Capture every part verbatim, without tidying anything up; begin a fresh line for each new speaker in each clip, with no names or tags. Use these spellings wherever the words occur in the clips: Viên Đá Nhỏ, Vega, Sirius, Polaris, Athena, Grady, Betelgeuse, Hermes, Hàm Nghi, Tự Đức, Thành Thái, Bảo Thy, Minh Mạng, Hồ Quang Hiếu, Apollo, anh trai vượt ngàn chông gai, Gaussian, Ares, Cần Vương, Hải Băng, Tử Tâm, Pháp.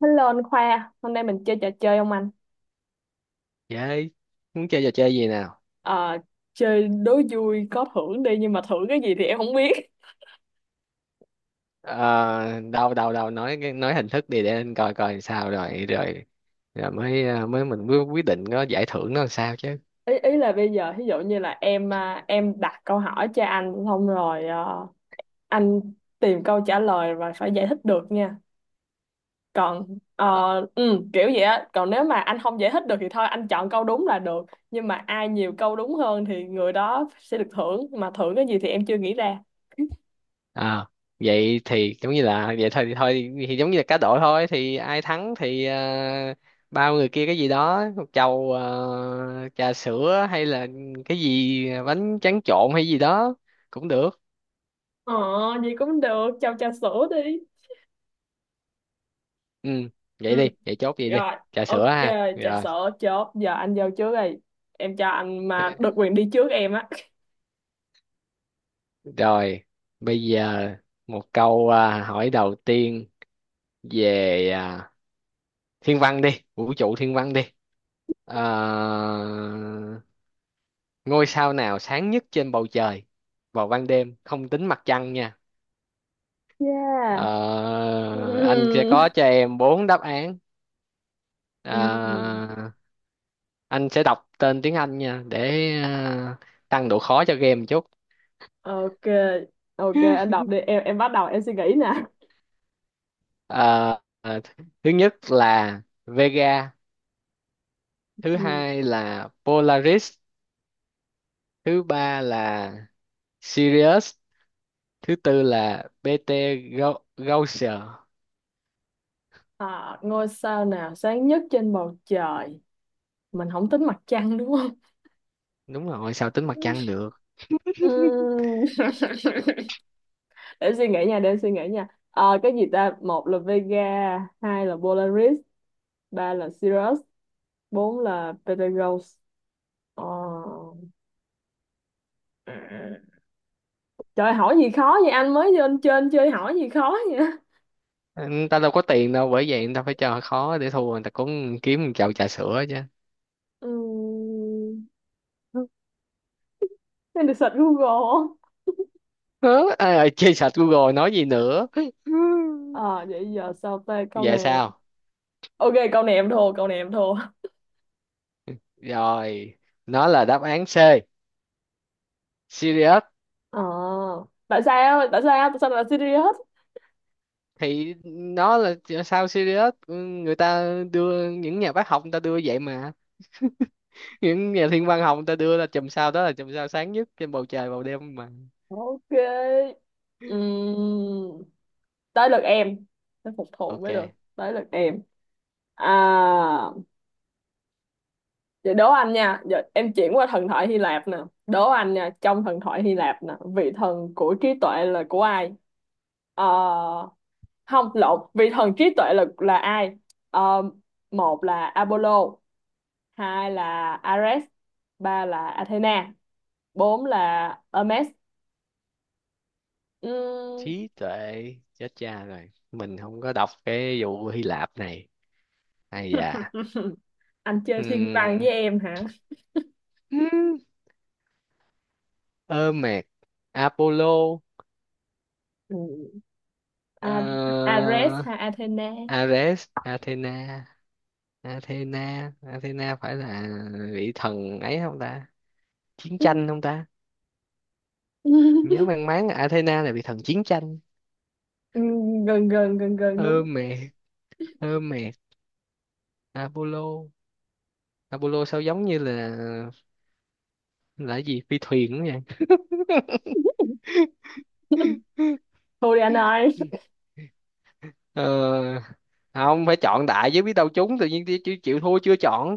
Hello anh Khoa, hôm nay mình chơi trò chơi không anh?
Chơi, muốn chơi trò chơi gì nào?
Ờ, Chơi đố vui có thưởng đi, nhưng mà thưởng cái gì thì em không biết.
Ờ, đâu đâu đâu nói nói hình thức đi để anh coi coi sao rồi rồi rồi mới ờ, mới mình mới quyết định có giải thưởng nó làm sao chứ.
Ý ý là bây giờ ví dụ như là em à, em đặt câu hỏi cho anh xong rồi, ờ, anh tìm câu trả lời và phải giải thích được nha. Còn ờ, ừ, kiểu vậy á, còn nếu mà anh không giải thích được thì thôi anh chọn câu đúng là được. Nhưng mà ai nhiều câu đúng hơn thì người đó sẽ được thưởng, mà thưởng cái gì thì em chưa nghĩ ra.
Ờ, Vậy thì giống như là vậy thôi thì thôi thì giống như là cá độ thôi thì ai thắng thì ờ, bao người kia cái gì đó một chầu ờ, trà sữa hay là cái gì bánh tráng trộn hay gì đó cũng được.
Ờ, Vậy cũng được, cho trà sữa đi.
Ừ, vậy đi, vậy chốt vậy đi.
Rồi,
Trà sữa
ok,
ha.
trà
Rồi.
sữa chốt. Giờ anh vô trước đi. Em cho anh mà được quyền đi trước em á.
Rồi, bây giờ một câu à, hỏi đầu tiên về à, thiên văn đi, vũ trụ thiên văn đi. À, ngôi sao nào sáng nhất trên bầu trời vào ban đêm, không tính mặt trăng nha. Ờ,
Yeah.
anh sẽ có cho em bốn đáp án.
Ừm, Ừm,
À, anh sẽ đọc tên tiếng Anh nha để à, tăng độ khó cho game một chút.
Ok, ok, anh đọc đi. Em em bắt đầu em suy nghĩ nè.
Ờ, ờ, thứ nhất là Vega, thứ
Ừm.
hai là Polaris, thứ ba là Sirius, thứ tư là bê tê Gau- Gaussian.
À, ngôi sao nào sáng nhất trên bầu trời? Mình không tính mặt trăng đúng không?
Đúng rồi, sao tính mặt trăng được?
Ừm. Để suy nghĩ nha, để em suy nghĩ nha. Ờ, cái gì ta? Một là Vega, hai là Polaris, ba là Sirius, bốn là Betelgeuse. Ờ. Ừ. Trời hỏi gì khó vậy, anh mới lên trên chơi hỏi gì khó vậy.
người ta đâu có tiền đâu, bởi vậy người ta phải cho khó, để thua người ta cũng kiếm một chậu trà sữa chứ.
Ừm, Nên được search Google không?
Hớ, ai ơi, chơi sạch, Google nói gì nữa.
Ờ Vậy giờ sao ta câu
Vậy
này?
sao.
Ok, câu này em thua, câu này em thua.
Rồi, nó là đáp án C, Sirius.
Ờ, tại sao tại sao tại sao lại là serious?
Thì nó là sao Sirius. Ừ, người ta đưa, những nhà bác học người ta đưa vậy mà, những nhà thiên văn học người ta đưa ra chùm sao đó là chùm sao sáng nhất trên bầu trời vào đêm mà.
Ok. Ừm, tới lượt em. Phải phục thù
Ok.
mới được. Tới lượt em. À, vậy đố anh nha, giờ em chuyển qua thần thoại Hy Lạp nè. Đố anh nha, trong thần thoại Hy Lạp nè, vị thần của trí tuệ là của ai? Ờ, Không, lộn, vị thần trí tuệ là là ai? Ờ, Một là Apollo, hai là Ares, ba là Athena, bốn là Hermes. Ừm.
Trí tuệ. Chết cha rồi, mình không có đọc cái vụ Hy Lạp này hay dạ.
Anh chơi thiên văn với
Ừm.
em hả?
Ừm. Ơ mệt. Apollo.
Ừ.
Ờ,
A- Ares hay Athena?
Ares, Athena. Athena Athena phải là vị thần ấy không ta, chiến
Ừ.
tranh không ta. Nhớ mang máng là Athena là vị thần chiến tranh.
Ừ, gần gần gần gần
Ơ
đúng.
mệt, ơ mệt. Apollo. Apollo sao giống như là là cái gì phi thuyền đó nha.
Thôi đi anh ơi,
ờ, không phải, chọn đại chứ biết đâu trúng, tự nhiên chịu, chịu chịu thua chưa chọn.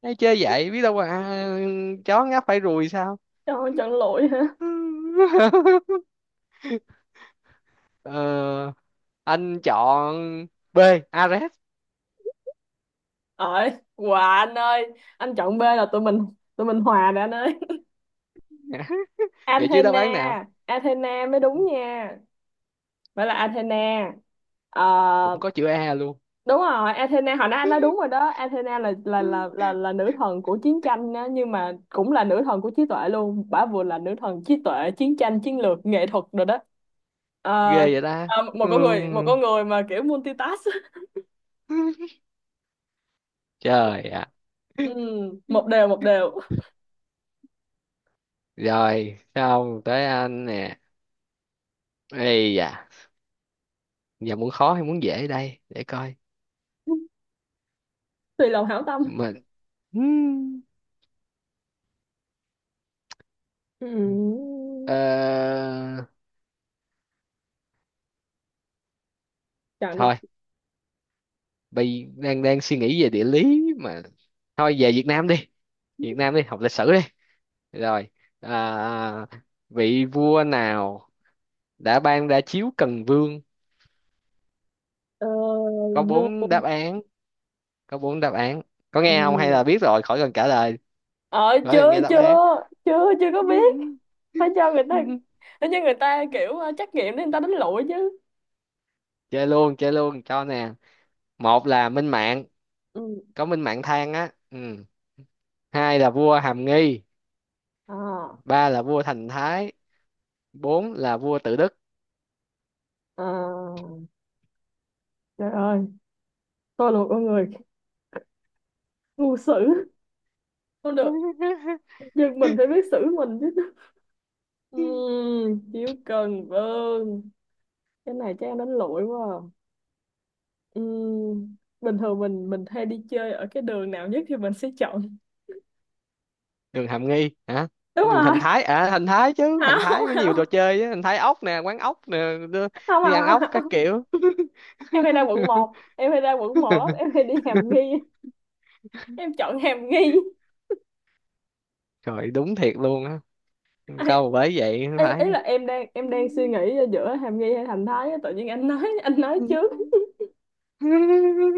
Ê, chơi vậy biết đâu à, chó ngáp phải ruồi sao.
cho không chọn lụi hả?
ờ, anh chọn B, Ares.
Ơi, quà anh ơi, anh chọn B là tụi mình, tụi mình hòa rồi anh ơi.
vậy chứ đáp án nào
Athena, Athena mới đúng nha. Phải là Athena. Ờ,
cũng có chữ A luôn.
đúng rồi, Athena hồi nãy anh nói đúng rồi đó. Athena là là là là, là nữ thần của chiến tranh á, nhưng mà cũng là nữ thần của trí tuệ luôn. Bả vừa là nữ thần trí tuệ, chiến tranh, chiến lược, nghệ thuật rồi đó. Ờ,
ghê vậy ta.
ờ, Một con người, một
Ừ.
con người mà kiểu multitask.
Trời
Ừ,
ạ.
một đều một đều.
Rồi, xong tới anh nè. Ây da, giờ muốn khó hay muốn dễ đây? Để coi.
Tùy lòng hảo tâm.
Mình... Hmm. Ờ...
Ừm, chọn được.
Thôi, bây đang đang suy nghĩ về địa lý mà. Thôi về Việt Nam đi. Việt Nam đi, học lịch sử đi. Rồi, à, vị vua nào đã ban ra chiếu Cần Vương?
ờ,
Có
Vua.
bốn đáp án, có bốn đáp án. Có nghe không hay
Ừm.
là biết rồi, khỏi cần trả lời,
ờ
khỏi cần
chưa
nghe đáp án.
chưa chưa chưa có biết, phải cho người ta, phải cho người ta kiểu ờ, trắc nghiệm để người ta đánh lụi chứ.
chơi luôn chơi luôn cho nè. Một là Minh Mạng,
Ừ.
có Minh Mạng than á ừ. Hai là vua Hàm Nghi,
À,
ba là vua Thành Thái, bốn là vua Tự Đức.
à. Trời ơi, tôi là một con người ngu xử không được, nhưng mình phải biết xử mình chứ. Ừm, chiếu cần vâng. Cái này chắc em đánh lụi quá à. Ừm, bình thường mình mình hay đi chơi ở cái đường nào nhất thì mình sẽ chọn.
đường Hàm Nghi hả.
Đúng
Đường Thành
rồi.
Thái, à Thành Thái chứ, Thành
không
Thái mới nhiều
không
trò chơi á, Thành Thái ốc nè, quán ốc nè. Đi
không
đi ăn
không
ốc
không
các
không.
kiểu.
Em hay ra quận một, em hay ra quận một lắm, em hay đi Hàm Nghi. Em chọn Hàm Nghi.
trời đúng thiệt luôn á,
À,
câu bởi vậy
ý, ý
phải.
là em đang em đang suy nghĩ giữa Hàm Nghi hay Thành Thái á, tự nhiên anh nói, anh nói trước.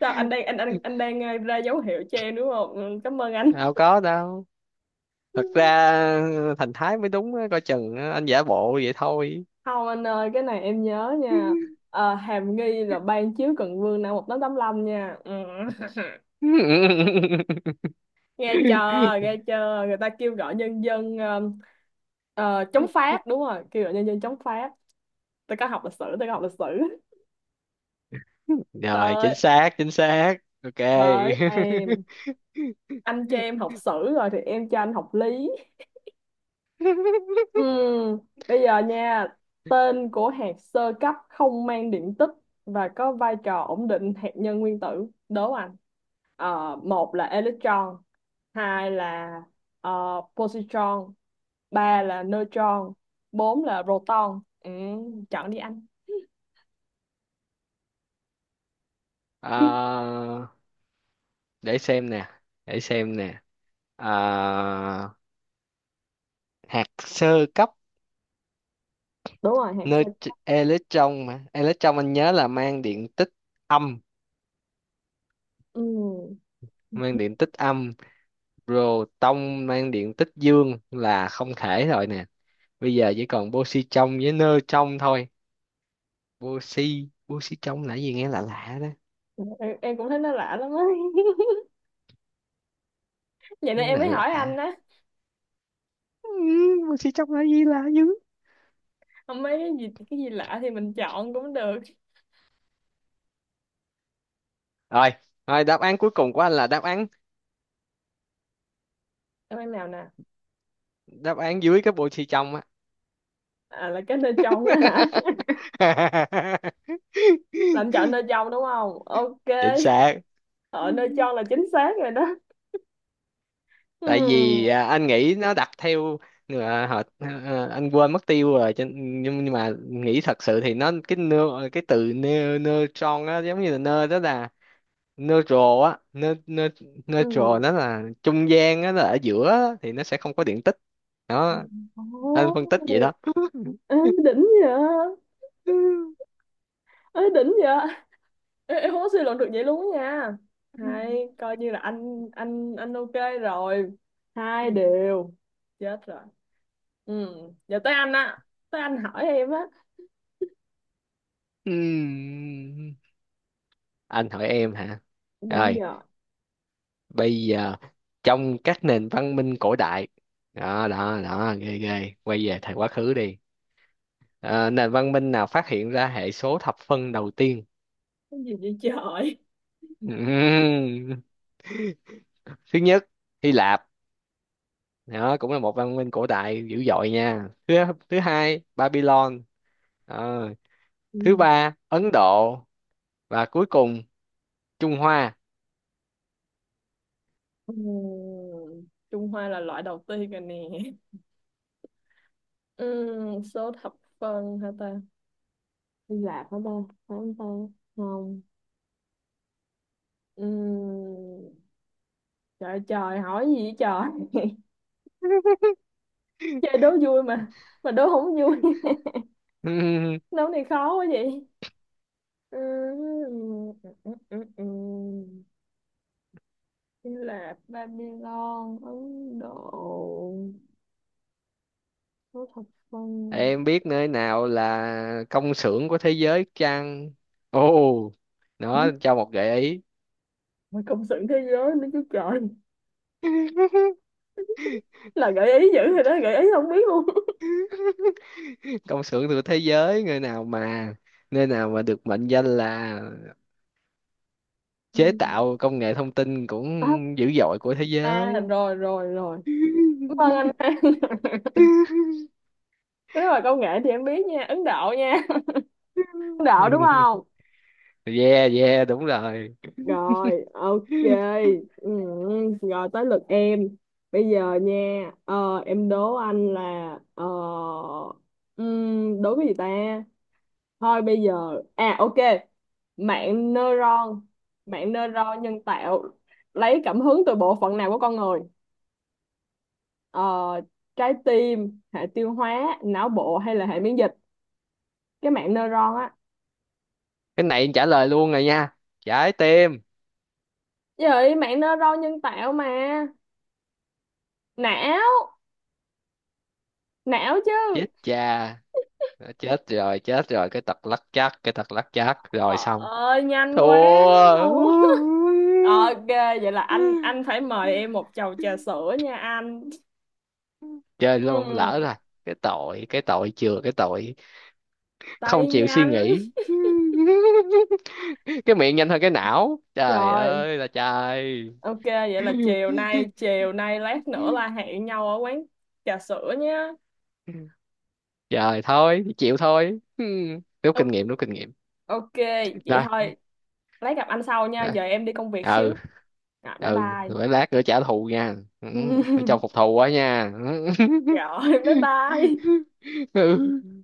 Sao anh đang, anh anh anh đang, ờ, ra dấu hiệu cho em đúng không? Ừ, cảm ơn anh.
đâu có đâu, thật ra ờ, Thành Thái mới đúng á, coi chừng á, anh giả bộ vậy thôi.
Không anh ơi, cái này em nhớ nha. Ờ, Hàm Nghi là ban chiếu Cần Vương năm một chín tám lăm nha. Ừ. nghe chờ nghe chờ người ta kêu gọi nhân dân ờ, ờ, chống Pháp, đúng rồi, kêu gọi nhân dân chống Pháp. Tôi có học lịch sử, tôi có học lịch sử.
rồi
Tới
chính xác, chính xác. Ok.
Tới em. Anh cho em học sử rồi thì em cho anh học lý. Ừm, bây giờ nha, tên của hạt sơ cấp không mang điện tích và có vai trò ổn định hạt nhân nguyên tử, đố anh. Ờ, một là electron, hai là ờ, positron, ba là neutron, bốn là proton. Ừ, chọn đi anh. Kiếp,
Ờ, để xem nè, để xem nè. Ờ, hạt sơ cấp.
đúng rồi hạt sơ
Nơi
cấp.
electron, mà electron anh nhớ là mang điện tích âm,
Ừm,
mang điện tích âm. Proton mang điện tích dương là không thể rồi. Bây giờ chỉ còn Boxy trong với nơ trong thôi. Boxy Boxy trong là gì, nghe lạ lạ đó.
em, em cũng thấy nó lạ lắm á. Vậy nên em
Nghe
mới
lạ
hỏi anh
lạ.
á.
Ừ, Boxy trong là gì, lạ dữ.
Không, mấy cái gì cái gì lạ thì mình chọn cũng được.
Rồi, rồi, đáp án cuối cùng của anh là đáp án,
Em ăn nào nè.
đáp án dưới cái Boxy trong á.
À là cái nơi trong á hả? Là anh chọn nơi trong đúng không? Ok.
chính xác.
Ở nơi trong là chính xác rồi đó.
Tại vì
Ừ.
à, anh nghĩ nó đặt theo à, họ à, anh quên mất tiêu rồi cho- nhưng nhưng mà nghĩ thật sự thì nó cái nơ, cái từ nơ, nơ tròn á, giống như là nơ đó là neutral á, ne, ne, neutral,
Ừ.
nó là trung gian á, nó là ở giữa á, thì nó sẽ không có điện tích
Ồ,
đó. Anh phân tích vậy đó.
ê, đỉnh vậy. Ê, đỉnh vậy. Ê, em không có suy luận được vậy luôn á nha. Hay coi như là anh anh anh ok. Rồi, hai đều. Chết rồi. Ừ, giờ tới anh á, tới anh hỏi em á.
Ừm. Anh hỏi em hả.
Đúng
Rồi
giờ.
bây giờ, trong các nền văn minh cổ đại, đó đó đó ghê ghê, quay về thời quá khứ đi. Ờ, nền văn minh nào phát hiện ra hệ số thập phân đầu tiên?
Cái gì vậy trời?
Ừm. Thứ nhất Hy Lạp, đó cũng là một văn minh cổ đại dữ dội nha. Thứ Thứ hai Babylon. Ờ,
Ừ.
thứ ba Ấn Độ, và cuối cùng Trung Hoa.
Ừ, Trung Hoa là loại đầu tiên rồi nè. Ừ, số thập phân hả ta? Hy Lạp hả ta? Phải không ta? Không. Ừ, trời trời hỏi gì vậy trời? Chơi đố vui mà mà đố không vui.
Ừm,
Đố này khó quá vậy. Ừ, ừ, ừ, ừ. Hy Lạp, Babylon, Ấn Độ, số thập phân.
em biết nơi nào là công xưởng của thế giới chăng. Ồ,
Ừ,
nó cho một gợi ý.
mà công xưởng thế giới nữa chứ trời. Là gợi ý dữ rồi đó, gợi ý không biết luôn.
công xưởng của thế giới, nơi nào mà, nơi nào mà được mệnh danh là
Ừ.
chế tạo công nghệ thông tin cũng
à,
dữ dội của thế
À
giới.
rồi rồi rồi, cảm ơn anh An. Nếu mà công nghệ thì em biết nha, Ấn Độ nha. Ấn Độ đúng không?
yeah, yeah, đúng rồi.
Rồi, ok. Ừ, rồi tới lượt em. Bây giờ nha, ờ, em đố anh là ờ, ừm, đố cái gì ta. Thôi bây giờ, à ok, mạng neuron mạng neuron nhân tạo lấy cảm hứng từ bộ phận nào của con người? ờ, Trái tim, hệ tiêu hóa, não bộ hay là hệ miễn dịch? Cái mạng neuron á.
Cái này trả lời luôn rồi nha, trái tim.
Vậy mạng neuron nhân tạo mà, não não chứ.
Chết cha. Đó, chết rồi, chết rồi, cái tật lắc chắc cái tật lắc chắc rồi
Ờ
xong.
ơi nhanh quá
Thua.
luôn. Ok, vậy là anh anh phải mời em một chầu trà sữa nha anh.
Chơi luôn lỡ
Ừ,
rồi. Cái tội cái tội chừa cái tội
tay
không chịu suy
nhanh.
nghĩ, cái miệng nhanh hơn cái não, trời
Rồi,
ơi là trời.
ok, vậy là chiều nay chiều nay lát nữa là hẹn nhau ở quán trà sữa nhé.
Trời thôi, thì chịu thôi. Ừ. Rút kinh nghiệm, rút kinh nghiệm.
Ok vậy
Rồi,
thôi, lát gặp anh sau nha,
rồi.
giờ em đi công việc
Ừ,
xíu. Rồi, bye
ừ,
bye.
rồi lát nữa trả thù nha. Ừ. Phải cho phục thù quá nha.
Rồi, bye bye.
Ừ.